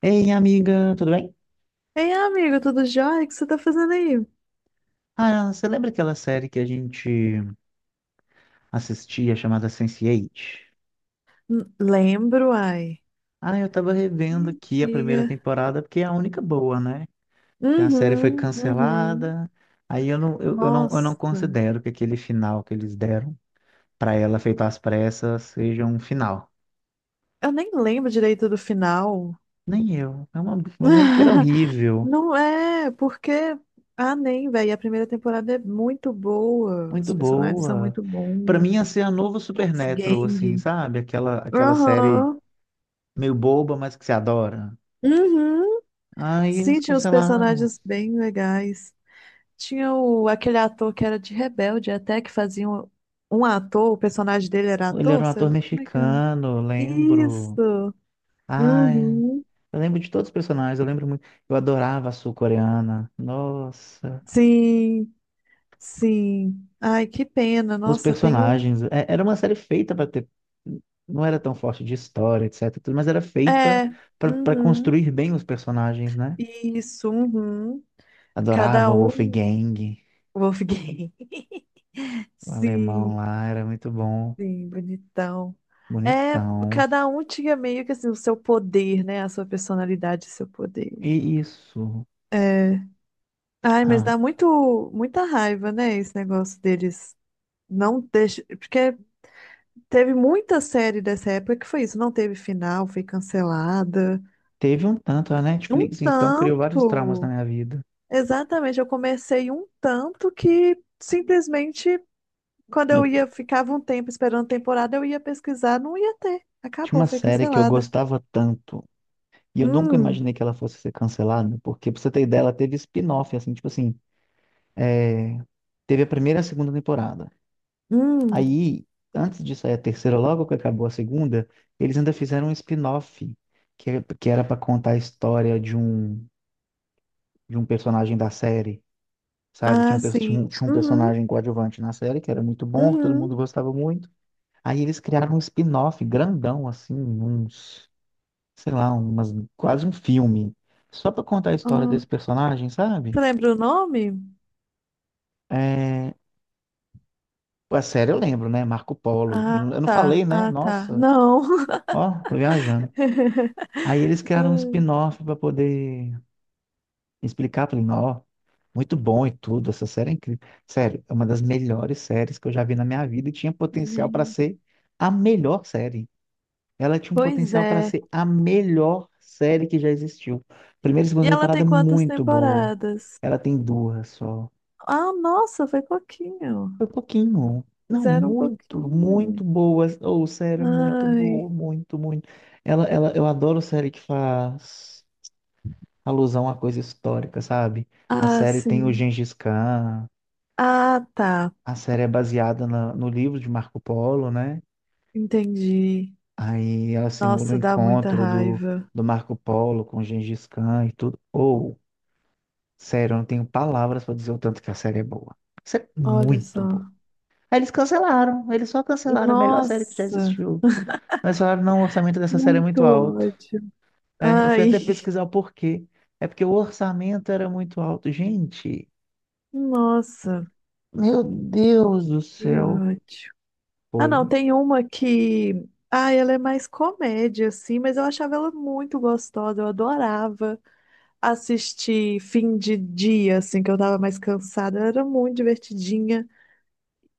Ei, amiga, tudo bem? Ei, amigo, tudo jóia? O que você tá fazendo aí? Ah, você lembra aquela série que a gente assistia chamada Sense8? Lembro, ai. Ah, eu tava revendo aqui a Antiga. primeira temporada porque é a única boa, né? Que a série foi Uhum, uhum. cancelada. Aí eu não Nossa, considero que aquele final que eles deram pra ela feito às pressas seja um final. eu nem lembro direito do final. Nem eu. Eu lembro que era horrível, Não é, porque. Ah, nem, velho. A primeira temporada é muito boa. muito Os personagens são boa. muito Pra bons. mim ia ser a novo Supernatural, assim, Wolfgang. sabe? Aquela série Aham. meio boba, mas que se adora. Uhum. Aí eles Sim, tinha os cancelaram. personagens bem legais. Tinha o, aquele ator que era de Rebelde, até que fazia um, um ator, o personagem dele era Ele era ator, um ator como é que é? mexicano, eu lembro. Isso! Ai, Uhum. eu lembro de todos os personagens, eu lembro muito. Eu adorava a sul-coreana. Nossa, Sim, sim. Ai, que pena. os Nossa, eu tenho. personagens. Era uma série feita para ter. Não era tão forte de história, etc. tudo, mas era feita É, para uhum. construir bem os personagens, né? Isso, uhum. Cada Adorava o um. Wolfgang, Wolfgang. o alemão Sim, lá, era muito bom, sim, bonitão. É, bonitão. cada um tinha meio que assim, o seu poder, né? A sua personalidade, o seu poder. E isso. É. Ai, mas dá Ah, muito, muita raiva, né, esse negócio deles não deixa, porque teve muita série dessa época que foi isso, não teve final, foi cancelada. teve um tanto, a Um Netflix então criou vários traumas na tanto. minha vida. Exatamente, eu comecei um tanto que simplesmente quando eu Eu ia, ficava um tempo esperando temporada, eu ia pesquisar, não ia ter. tinha Acabou, uma foi série que eu cancelada. gostava tanto e eu nunca Hum, imaginei que ela fosse ser cancelada, porque pra você ter ideia, ela teve spin-off, assim, tipo assim, teve a primeira e a segunda temporada. hum. Aí, antes de sair a terceira, logo que acabou a segunda, eles ainda fizeram um spin-off, que era pra contar a história de um personagem da série, sabe? Tinha Ah, um, pe- sim. Tinha um Uhum, personagem coadjuvante na série que era muito bom, que todo uhum. mundo gostava muito. Aí eles criaram um spin-off grandão, assim, uns. Sei lá, quase um filme, só pra contar a história Ah, desse personagem, sabe? você lembra o nome? É, a série eu lembro, né? Marco Polo. Ah, Eu não tá. falei, né? Ah, tá. Nossa, Não. ó, tô viajando. Aí eles criaram um Ai, spin-off pra poder explicar pra ele, ó, muito bom e tudo, essa série é incrível. Sério, é uma das melhores séries que eu já vi na minha vida e tinha potencial pra gente, ser a melhor série. Ela tinha um pois potencial pra é. ser a melhor série que já existiu. Primeira e E segunda ela tem temporada quantas muito boa. temporadas? Ela tem duas só. Ah, nossa, foi pouquinho. Foi um pouquinho. Não, Fizeram um muito, muito pouquinho. boa. Ou série é muito Ai. boa, muito, muito. Eu adoro série que faz alusão a coisa histórica, sabe? A Ah, série tem o sim. Gengis Khan, Ah, tá. a série é baseada no livro de Marco Polo, né? Entendi. Aí ela simula o Nossa, dá muita encontro do, raiva. do Marco Polo com o Gengis Khan e tudo. Ou, sério, eu não tenho palavras pra dizer o tanto que a série é boa. A série é Olha muito só. boa. Aí eles cancelaram, eles só cancelaram a melhor série que já Nossa, existiu. Mas falaram, não, o orçamento dessa série é muito muito alto. ódio. É, eu fui Ai, até pesquisar o porquê. É porque o orçamento era muito alto. Gente, nossa, meu Deus do que céu. ódio. Ah, não, Foi. tem uma que. Ah, ela é mais comédia, assim, mas eu achava ela muito gostosa, eu adorava assistir fim de dia, assim, que eu tava mais cansada. Era muito divertidinha.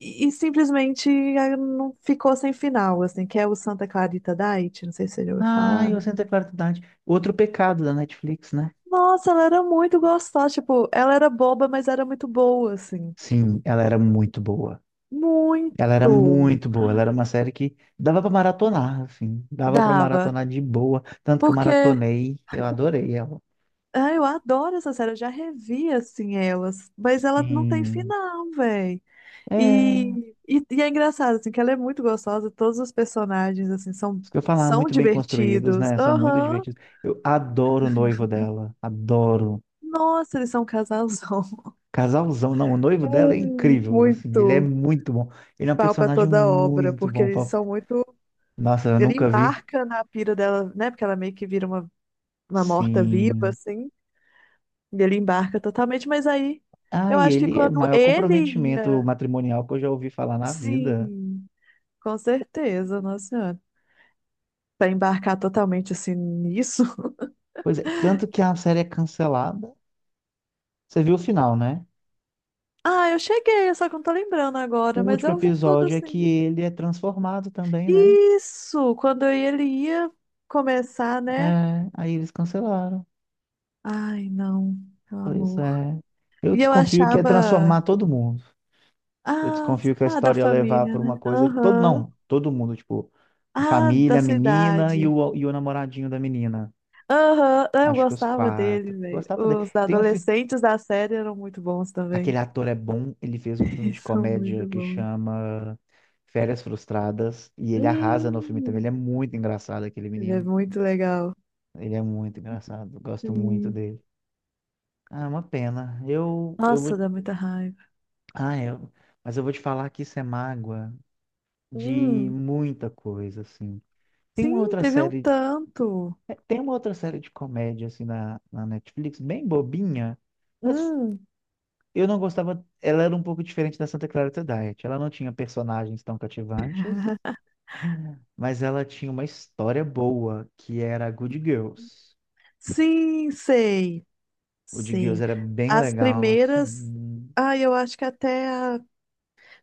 E simplesmente ah, não ficou sem final, assim, que é o Santa Clarita Diet, não sei se você já ouviu falar. Ai, eu sinto a claridade. Outro pecado da Netflix, né? Nossa, ela era muito gostosa, tipo, ela era boba, mas era muito boa, assim. Sim, ela era muito boa. Ela era Muito muito boa. Ela era uma série que dava pra maratonar, assim. Dava pra dava, maratonar de boa. Tanto que eu porque maratonei. Eu adorei ela. ah, eu adoro essa série, eu já revi, assim, elas, mas ela não tem Sim. final, véi. É. E é engraçado, assim, que ela é muito gostosa, todos os personagens, assim, são, Isso que eu ia falar, são muito bem construídos, divertidos. né? São muito Aham. divertidos. Eu adoro o noivo dela, adoro. Nossa, eles são um casalzão. Casalzão, não, o noivo dela é Ai, incrível, assim, ele é muito muito bom. Ele é um pau pra personagem toda obra, muito porque bom. eles pra- são muito... Nossa, eu Ele nunca vi. embarca na pira dela, né? Porque ela meio que vira uma morta-viva, Sim. assim. E ele embarca totalmente, mas aí Ah, eu e acho que ele é o quando maior ele comprometimento ia... matrimonial que eu já ouvi falar na vida. Sim, com certeza, nossa senhora. Pra embarcar totalmente, assim, nisso... Pois é, tanto que a série é cancelada. Você viu o final, né? Ah, eu cheguei, só que eu não tô lembrando O agora, mas último eu vi tudo episódio é que assim. ele é transformado também, né? Isso! Quando ele ia começar, né? É, aí eles cancelaram. Ai, não, meu Pois amor. é. Eu E eu desconfio que é achava. transformar todo mundo. Eu Ah, desconfio que a ah, da história ia levar família, por uma né? coisa que todo Aham. não, todo mundo, tipo, a Ah, da família, a menina e cidade. o, e o namoradinho da menina. Aham. Ah, eu Acho que os gostava dele, quatro. velho. Gostava dele. Os adolescentes da série eram muito bons Aquele também. ator é bom, ele fez um filme Eles de são comédia muito que bons. chama Férias Frustradas e ele arrasa no filme também. Ele Hum, é muito engraçado aquele ele é menino. muito legal. Ele é muito engraçado. Gosto muito Sim. dele. Ah, é uma pena. Eu vou Nossa, dá muita raiva. Ah, eu... Mas eu vou te falar que isso é mágoa de Hum. muita coisa, assim. Tem uma Sim, outra teve um série, tanto. tem uma outra série de comédia, assim, na Netflix, bem bobinha, mas Hum, eu não gostava, ela era um pouco diferente da Santa Clarita Diet. Ela não tinha personagens tão cativantes, mas ela tinha uma história boa, que era Good Girls. sim, sei. Good Girls Sim. era bem As legal, primeiras. assim, Ah, eu acho que até a...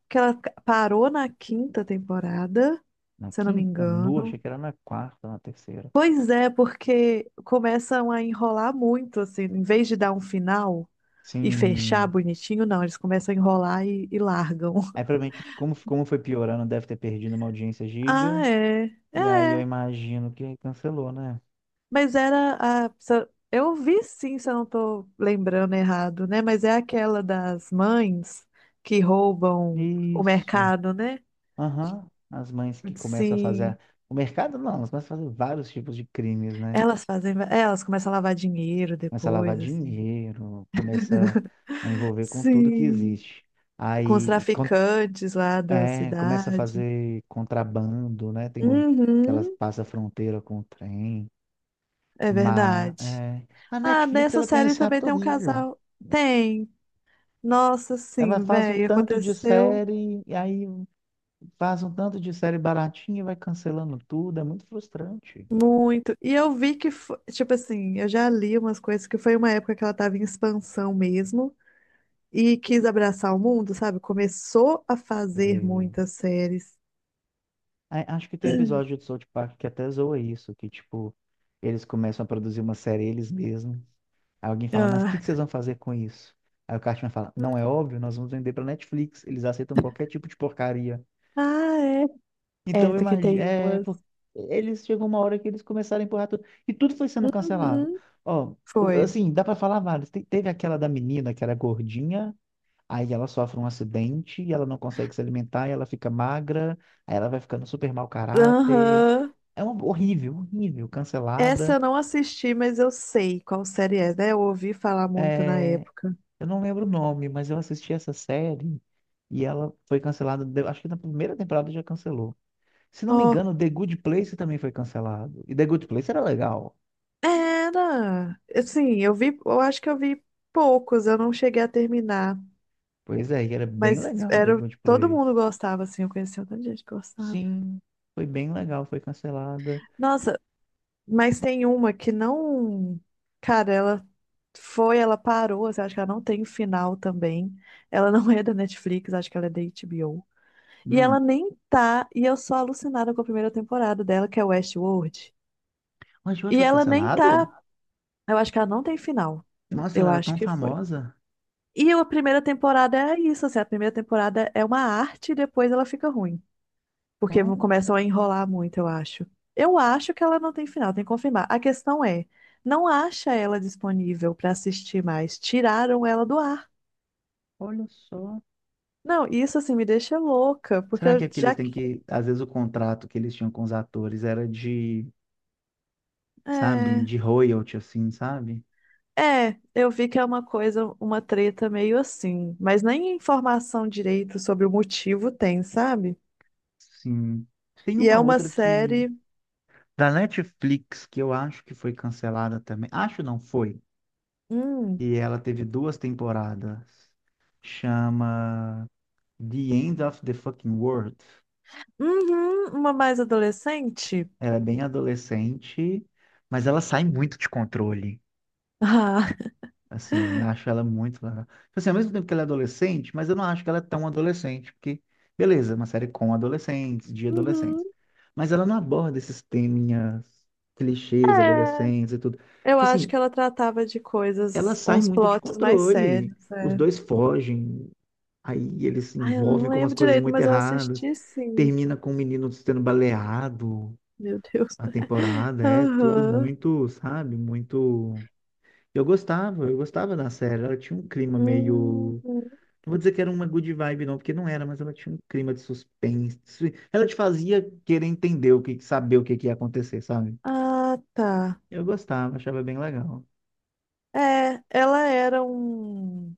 que ela parou na quinta temporada, na se eu não me quinta, engano. achei que era na quarta, na terceira. Pois é, porque começam a enrolar muito, assim, em vez de dar um final e fechar Sim. bonitinho, não, eles começam a enrolar e largam. Aí, provavelmente, como foi piorando, deve ter perdido uma audiência Ah, giga. é. E aí eu É. imagino que cancelou, né? Mas era a. se Eu vi sim, se eu não tô lembrando errado, né? Mas é aquela das mães que roubam o Isso. mercado, né? Aham. As mães que começam a fazer. Sim. O mercado não, elas começam a fazer vários tipos de crimes, né? Elas fazem. É, elas começam a lavar dinheiro Começa a lavar depois, assim. dinheiro, começa a envolver com tudo que Sim. existe. Com os Aí con- traficantes lá da É, começa a cidade. fazer contrabando, né? Tem um, que elas Uhum, passam a fronteira com o trem. é Mas verdade. é, a Ah, Netflix nessa ela tem série esse também hábito tem um horrível. casal. Tem. Nossa, Ela sim, faz um velho. tanto de Aconteceu. série e aí faz um tanto de série baratinha e vai cancelando tudo, é muito frustrante. Muito. E eu vi que, tipo assim, eu já li umas coisas que foi uma época que ela tava em expansão mesmo e quis abraçar o mundo, sabe? Começou a fazer E- muitas séries. Ai, acho que tem um episódio de South Park que até zoa isso, que tipo, eles começam a produzir uma série eles mesmos. Aí alguém fala, mas o Ah, que que vocês vão fazer com isso? Aí o Cartman fala, não é óbvio, nós vamos vender pra Netflix, eles aceitam qualquer tipo de porcaria. ah, é. É, Então eu porque imagino, tem umas. Eles chegou uma hora que eles começaram a empurrar tudo, e tudo foi sendo cancelado. Uhum. Ó, Foi. assim, dá pra falar vários. Teve aquela da menina que era gordinha, aí ela sofre um acidente e ela não consegue se alimentar, e ela fica magra, aí ela vai ficando super mau caráter. Aham. É horrível, horrível, Essa cancelada. eu não assisti, mas eu sei qual série é, né? Eu ouvi falar muito na É, época. eu não lembro o nome, mas eu assisti essa série e ela foi cancelada, acho que na primeira temporada já cancelou. Se não me Ó, engano, The Good Place também foi cancelado. E The Good Place era legal. era. Assim, eu vi, eu acho que eu vi poucos, eu não cheguei a terminar. Pois é, e era bem Mas legal The era, Good todo Place. mundo gostava, assim, eu conhecia um tanto de gente que gostava. Sim, foi bem legal, foi cancelada. Nossa, mas tem uma que não. Cara, ela foi, ela parou, assim, acho que ela não tem final também. Ela não é da Netflix, acho que ela é da HBO. E ela Hum. nem tá, e eu sou alucinada com a 1ª temporada dela, que é Westworld. Mas hoje E foi ela nem tá, cancelado? eu acho que ela não tem final. Nossa, ela Eu era acho tão que foi. famosa. E a primeira temporada é isso, assim, a primeira temporada é uma arte e depois ela fica ruim. Porque começam a enrolar muito, eu acho. Eu acho que ela não tem final, tem que confirmar. A questão é, não acha ela disponível para assistir mais. Tiraram ela do ar. Olha só. Não, isso assim me deixa louca, porque Será eu que aqueles já. têm que. Às vezes o contrato que eles tinham com os atores era de, sabe, É, de royalty, assim, sabe? é, eu vi que é uma coisa, uma treta meio assim, mas nem informação direito sobre o motivo tem, sabe? Sim. Tem E é uma uma outra que. série. Da Netflix, que eu acho que foi cancelada também. Acho não foi. Hum, E ela teve duas temporadas. Chama The End of the Fucking World. uhum, uma mais adolescente? Ela é bem adolescente, mas ela sai muito de controle. Ah, Assim, acho ela assim, ao mesmo tempo que ela é adolescente, mas eu não acho que ela é tão adolescente, porque, beleza, é uma série com adolescentes, de uhum, adolescentes. Mas ela não aborda esses teminhas, clichês, é. adolescentes e tudo. Eu Tipo acho assim, que ela tratava de ela coisas, sai uns muito de plots mais controle. sérios. Os É. dois fogem, aí eles se Ai, eu não envolvem com lembro umas coisas direito, muito mas eu erradas. assisti sim. Termina com o menino sendo baleado Meu Deus. a temporada, é tudo Aham. muito, sabe? Muito. Eu gostava da série. Ela tinha um clima Uhum. meio não vou dizer que era uma good vibe, não, porque não era, mas ela tinha um clima de suspense. Ela te fazia querer entender o que, saber o que, que ia acontecer, sabe? Ah, tá. Eu gostava, achava bem legal. É, ela era um.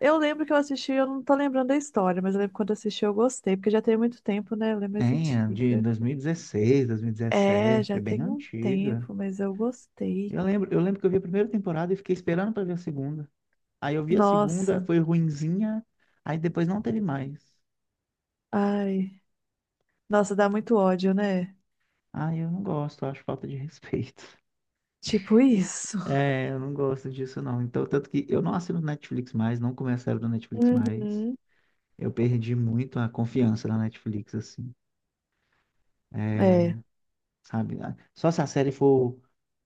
Eu lembro que eu assisti, eu não tô lembrando da história, mas eu lembro que quando eu assisti eu gostei, porque já tem muito tempo, né? Ela é mais Tem, é de antiga. 2016, É, 2017, já é bem tem um antiga. tempo, mas eu gostei. Eu lembro que eu vi a primeira temporada e fiquei esperando pra ver a segunda. Aí eu vi a segunda, Nossa, foi ruinzinha, aí depois não teve mais. ai. Nossa, dá muito ódio, né? Ai, eu não gosto, eu acho falta de respeito. Tipo isso. É, eu não gosto disso não. Então, tanto que eu não assino Netflix mais, não começo a do Netflix mais. Uhum, Eu perdi muito a confiança na Netflix, assim, é. sabe? Ah, só se a série for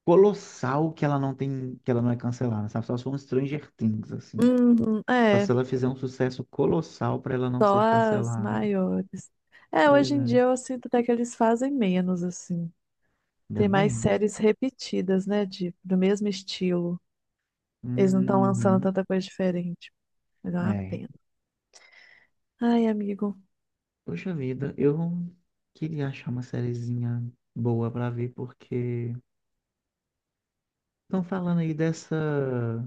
colossal que ela não tem, que ela não é cancelada, sabe? Só se for um Stranger Things, assim. Uhum, Só se é. ela fizer um sucesso colossal para ela não Só ser as cancelada. maiores. É, Pois hoje em é, dia eu sinto até que eles fazem menos, assim. ainda Tem mais bem. séries repetidas, né? De, do mesmo estilo. Eles não estão lançando Uhum. tanta coisa diferente. Mas é uma É. pena. Ai, amigo. Poxa vida, eu queria achar uma sériezinha boa pra ver, porque estão falando aí dessa.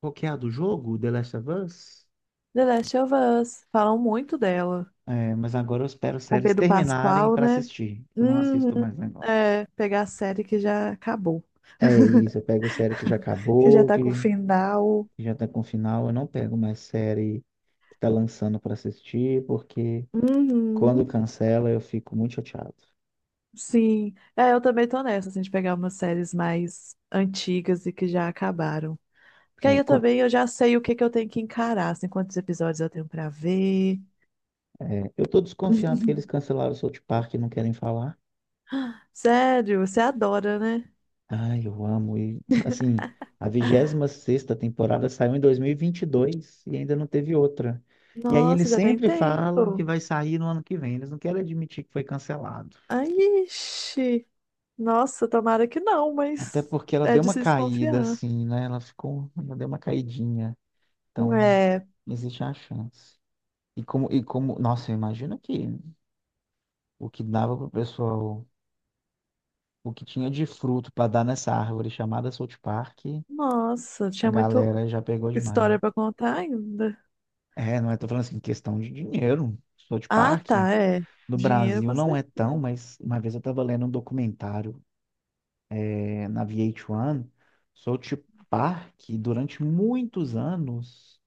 Qual que é a do jogo? The Last of Us? The Last of Us. Falam muito dela. É, mas agora eu espero as Com séries Pedro terminarem Pascal, para né? assistir. Eu não Uhum, assisto mais negócio. é. Pegar a série que já acabou. É isso, eu pego série que já Que já acabou, tá com o que, final. que já tá com final. Eu não pego mais série que tá lançando para assistir, porque quando Uhum. cancela eu fico muito chateado. Sim, é, eu também tô nessa, assim, de pegar umas séries mais antigas e que já acabaram. Porque aí É, eu também eu já sei o que que eu tenho que encarar, assim, quantos episódios eu tenho pra ver. é, eu tô desconfiado que eles cancelaram o South Park e não querem falar. Sério, você adora, né? Ai, eu amo. E, assim, a 26ª temporada saiu em 2022 e vinte e dois e ainda não teve outra. E aí eles Nossa, já tem sempre falam que tempo. vai sair no ano que vem. Eles não querem admitir que foi cancelado. Ai, ixi. Nossa, tomara que não, Até mas porque ela é deu de uma se caída, desconfiar. assim, né? Ela deu uma caidinha. Então, É, existe a chance. Nossa, imagina que o que dava pro pessoal, o que tinha de fruto para dar nessa árvore chamada South Park, nossa, a tinha muita galera já pegou demais. história pra contar ainda. É, não é, tô falando assim, questão de dinheiro. South Ah, Park, tá, é. no Dinheiro Brasil com não é tão, certeza. mas uma vez eu tava lendo um documentário na VH1, South Park, durante muitos anos,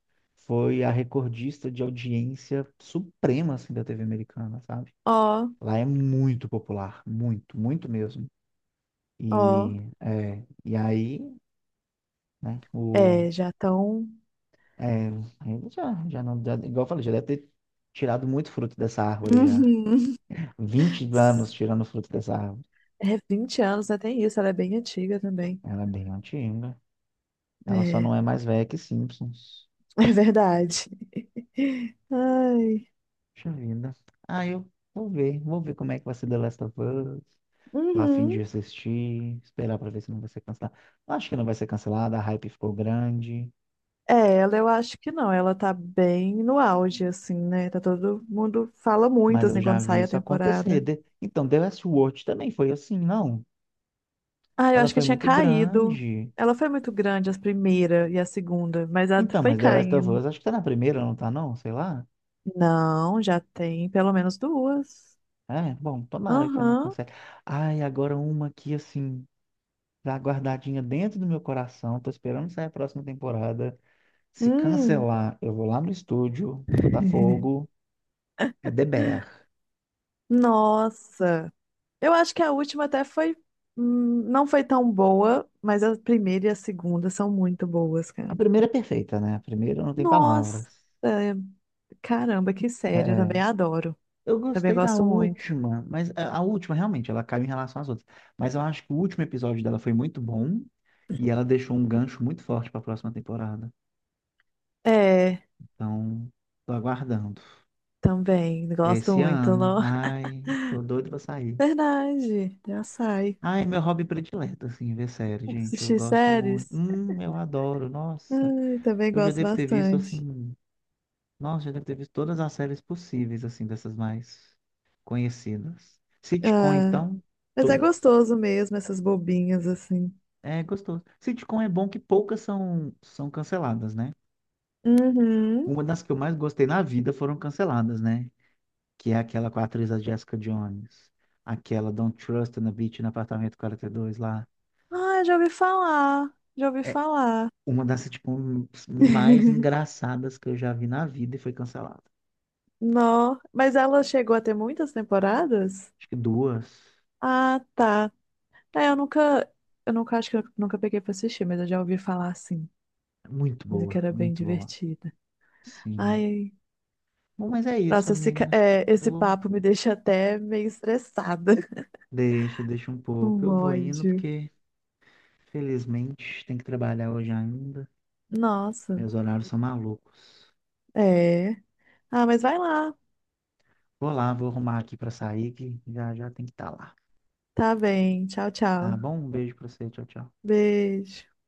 foi a recordista de audiência suprema, assim, da TV americana, sabe? Ó, Lá é muito popular, muito, muito mesmo. ó. E aí, né, É, o... já estão. É, ele já, já não, igual eu falei, já deve ter tirado muito fruto dessa árvore já. Uhum. 20 anos tirando fruto dessa árvore. É 20 anos, até isso, ela é bem antiga também. Ela é bem antiga. Ela só É, não é mais velha que Simpsons. é verdade. Ai. Puxa vida. Ah, eu vou ver. Vou ver como é que vai ser The Last of Us. Tô a fim de Uhum. assistir. Esperar pra ver se não vai ser cancelada. Acho que não vai ser cancelada. A hype ficou grande. É, ela eu acho que não, ela tá bem no auge, assim, né? Tá todo mundo fala muito, Mas eu assim, já quando vi sai a isso acontecer. temporada. Então, The Last Watch também foi assim, não? Ah, eu Ela acho que foi tinha muito caído. grande. Ela foi muito grande, a primeira e a segunda, mas ela Então, foi mas The Last of caindo. Us, acho que tá na primeira, não tá não? Sei lá. Não, já tem pelo menos duas. É, bom, tomara que não Aham. cancele. Ai, agora uma aqui, assim... Tá guardadinha dentro do meu coração. Tô esperando sair a próxima temporada. Se Hum. cancelar, eu vou lá no estúdio, Botafogo, é The Bear. Nossa. Eu acho que a última até foi. Hum, não foi tão boa, mas a primeira e a segunda são muito boas, A cara. primeira é perfeita, né? A primeira não tem Nossa! palavras. Caramba, que série. Eu também É, adoro. eu Também gostei da gosto muito. última, mas a última realmente ela caiu em relação às outras. Mas eu acho que o último episódio dela foi muito bom e ela deixou um gancho muito forte para a próxima temporada. É, Então, tô aguardando. também. Gosto Esse muito. ano, Não? ai, tô doido pra sair. Verdade. Já sai. Ah, é meu hobby predileto, assim, ver série, gente. Eu Assistir gosto muito. séries. Eu adoro, nossa. Ai, também Eu já gosto devo ter visto, bastante. assim, nossa, já devo ter visto todas as séries possíveis, assim, dessas mais conhecidas. Sitcom, Ah, então, mas é todas. gostoso mesmo, essas bobinhas assim. É gostoso. Sitcom é bom que poucas são canceladas, né? Uhum. Uma das que eu mais gostei na vida foram canceladas, né? Que é aquela com a atriz a Jessica Jones. Aquela Don't Trust na Beach, no apartamento 42 lá. Ah, já ouvi falar. Já ouvi falar. Uma das, tipo, mais engraçadas que eu já vi na vida e foi cancelada. Não, mas ela chegou a ter muitas temporadas? Acho que duas. Ah, tá. É, eu nunca acho que eu nunca peguei pra assistir, mas eu já ouvi falar assim, Muito dizem que boa, era bem muito boa. divertida. Sim. Ai, Bom, mas é isso, nossa, esse, amiga. é, esse Eu papo me deixa até meio estressada. deixa um pouco. Um Eu vou indo ódio. porque, felizmente, tem que trabalhar hoje ainda. Nossa, Meus horários são malucos. é. Ah, mas vai lá. Vou lá, vou arrumar aqui pra sair, que já já tem que estar lá. Tá bem. Tchau, tchau. Tá bom? Um beijo pra você. Tchau, tchau. Beijo.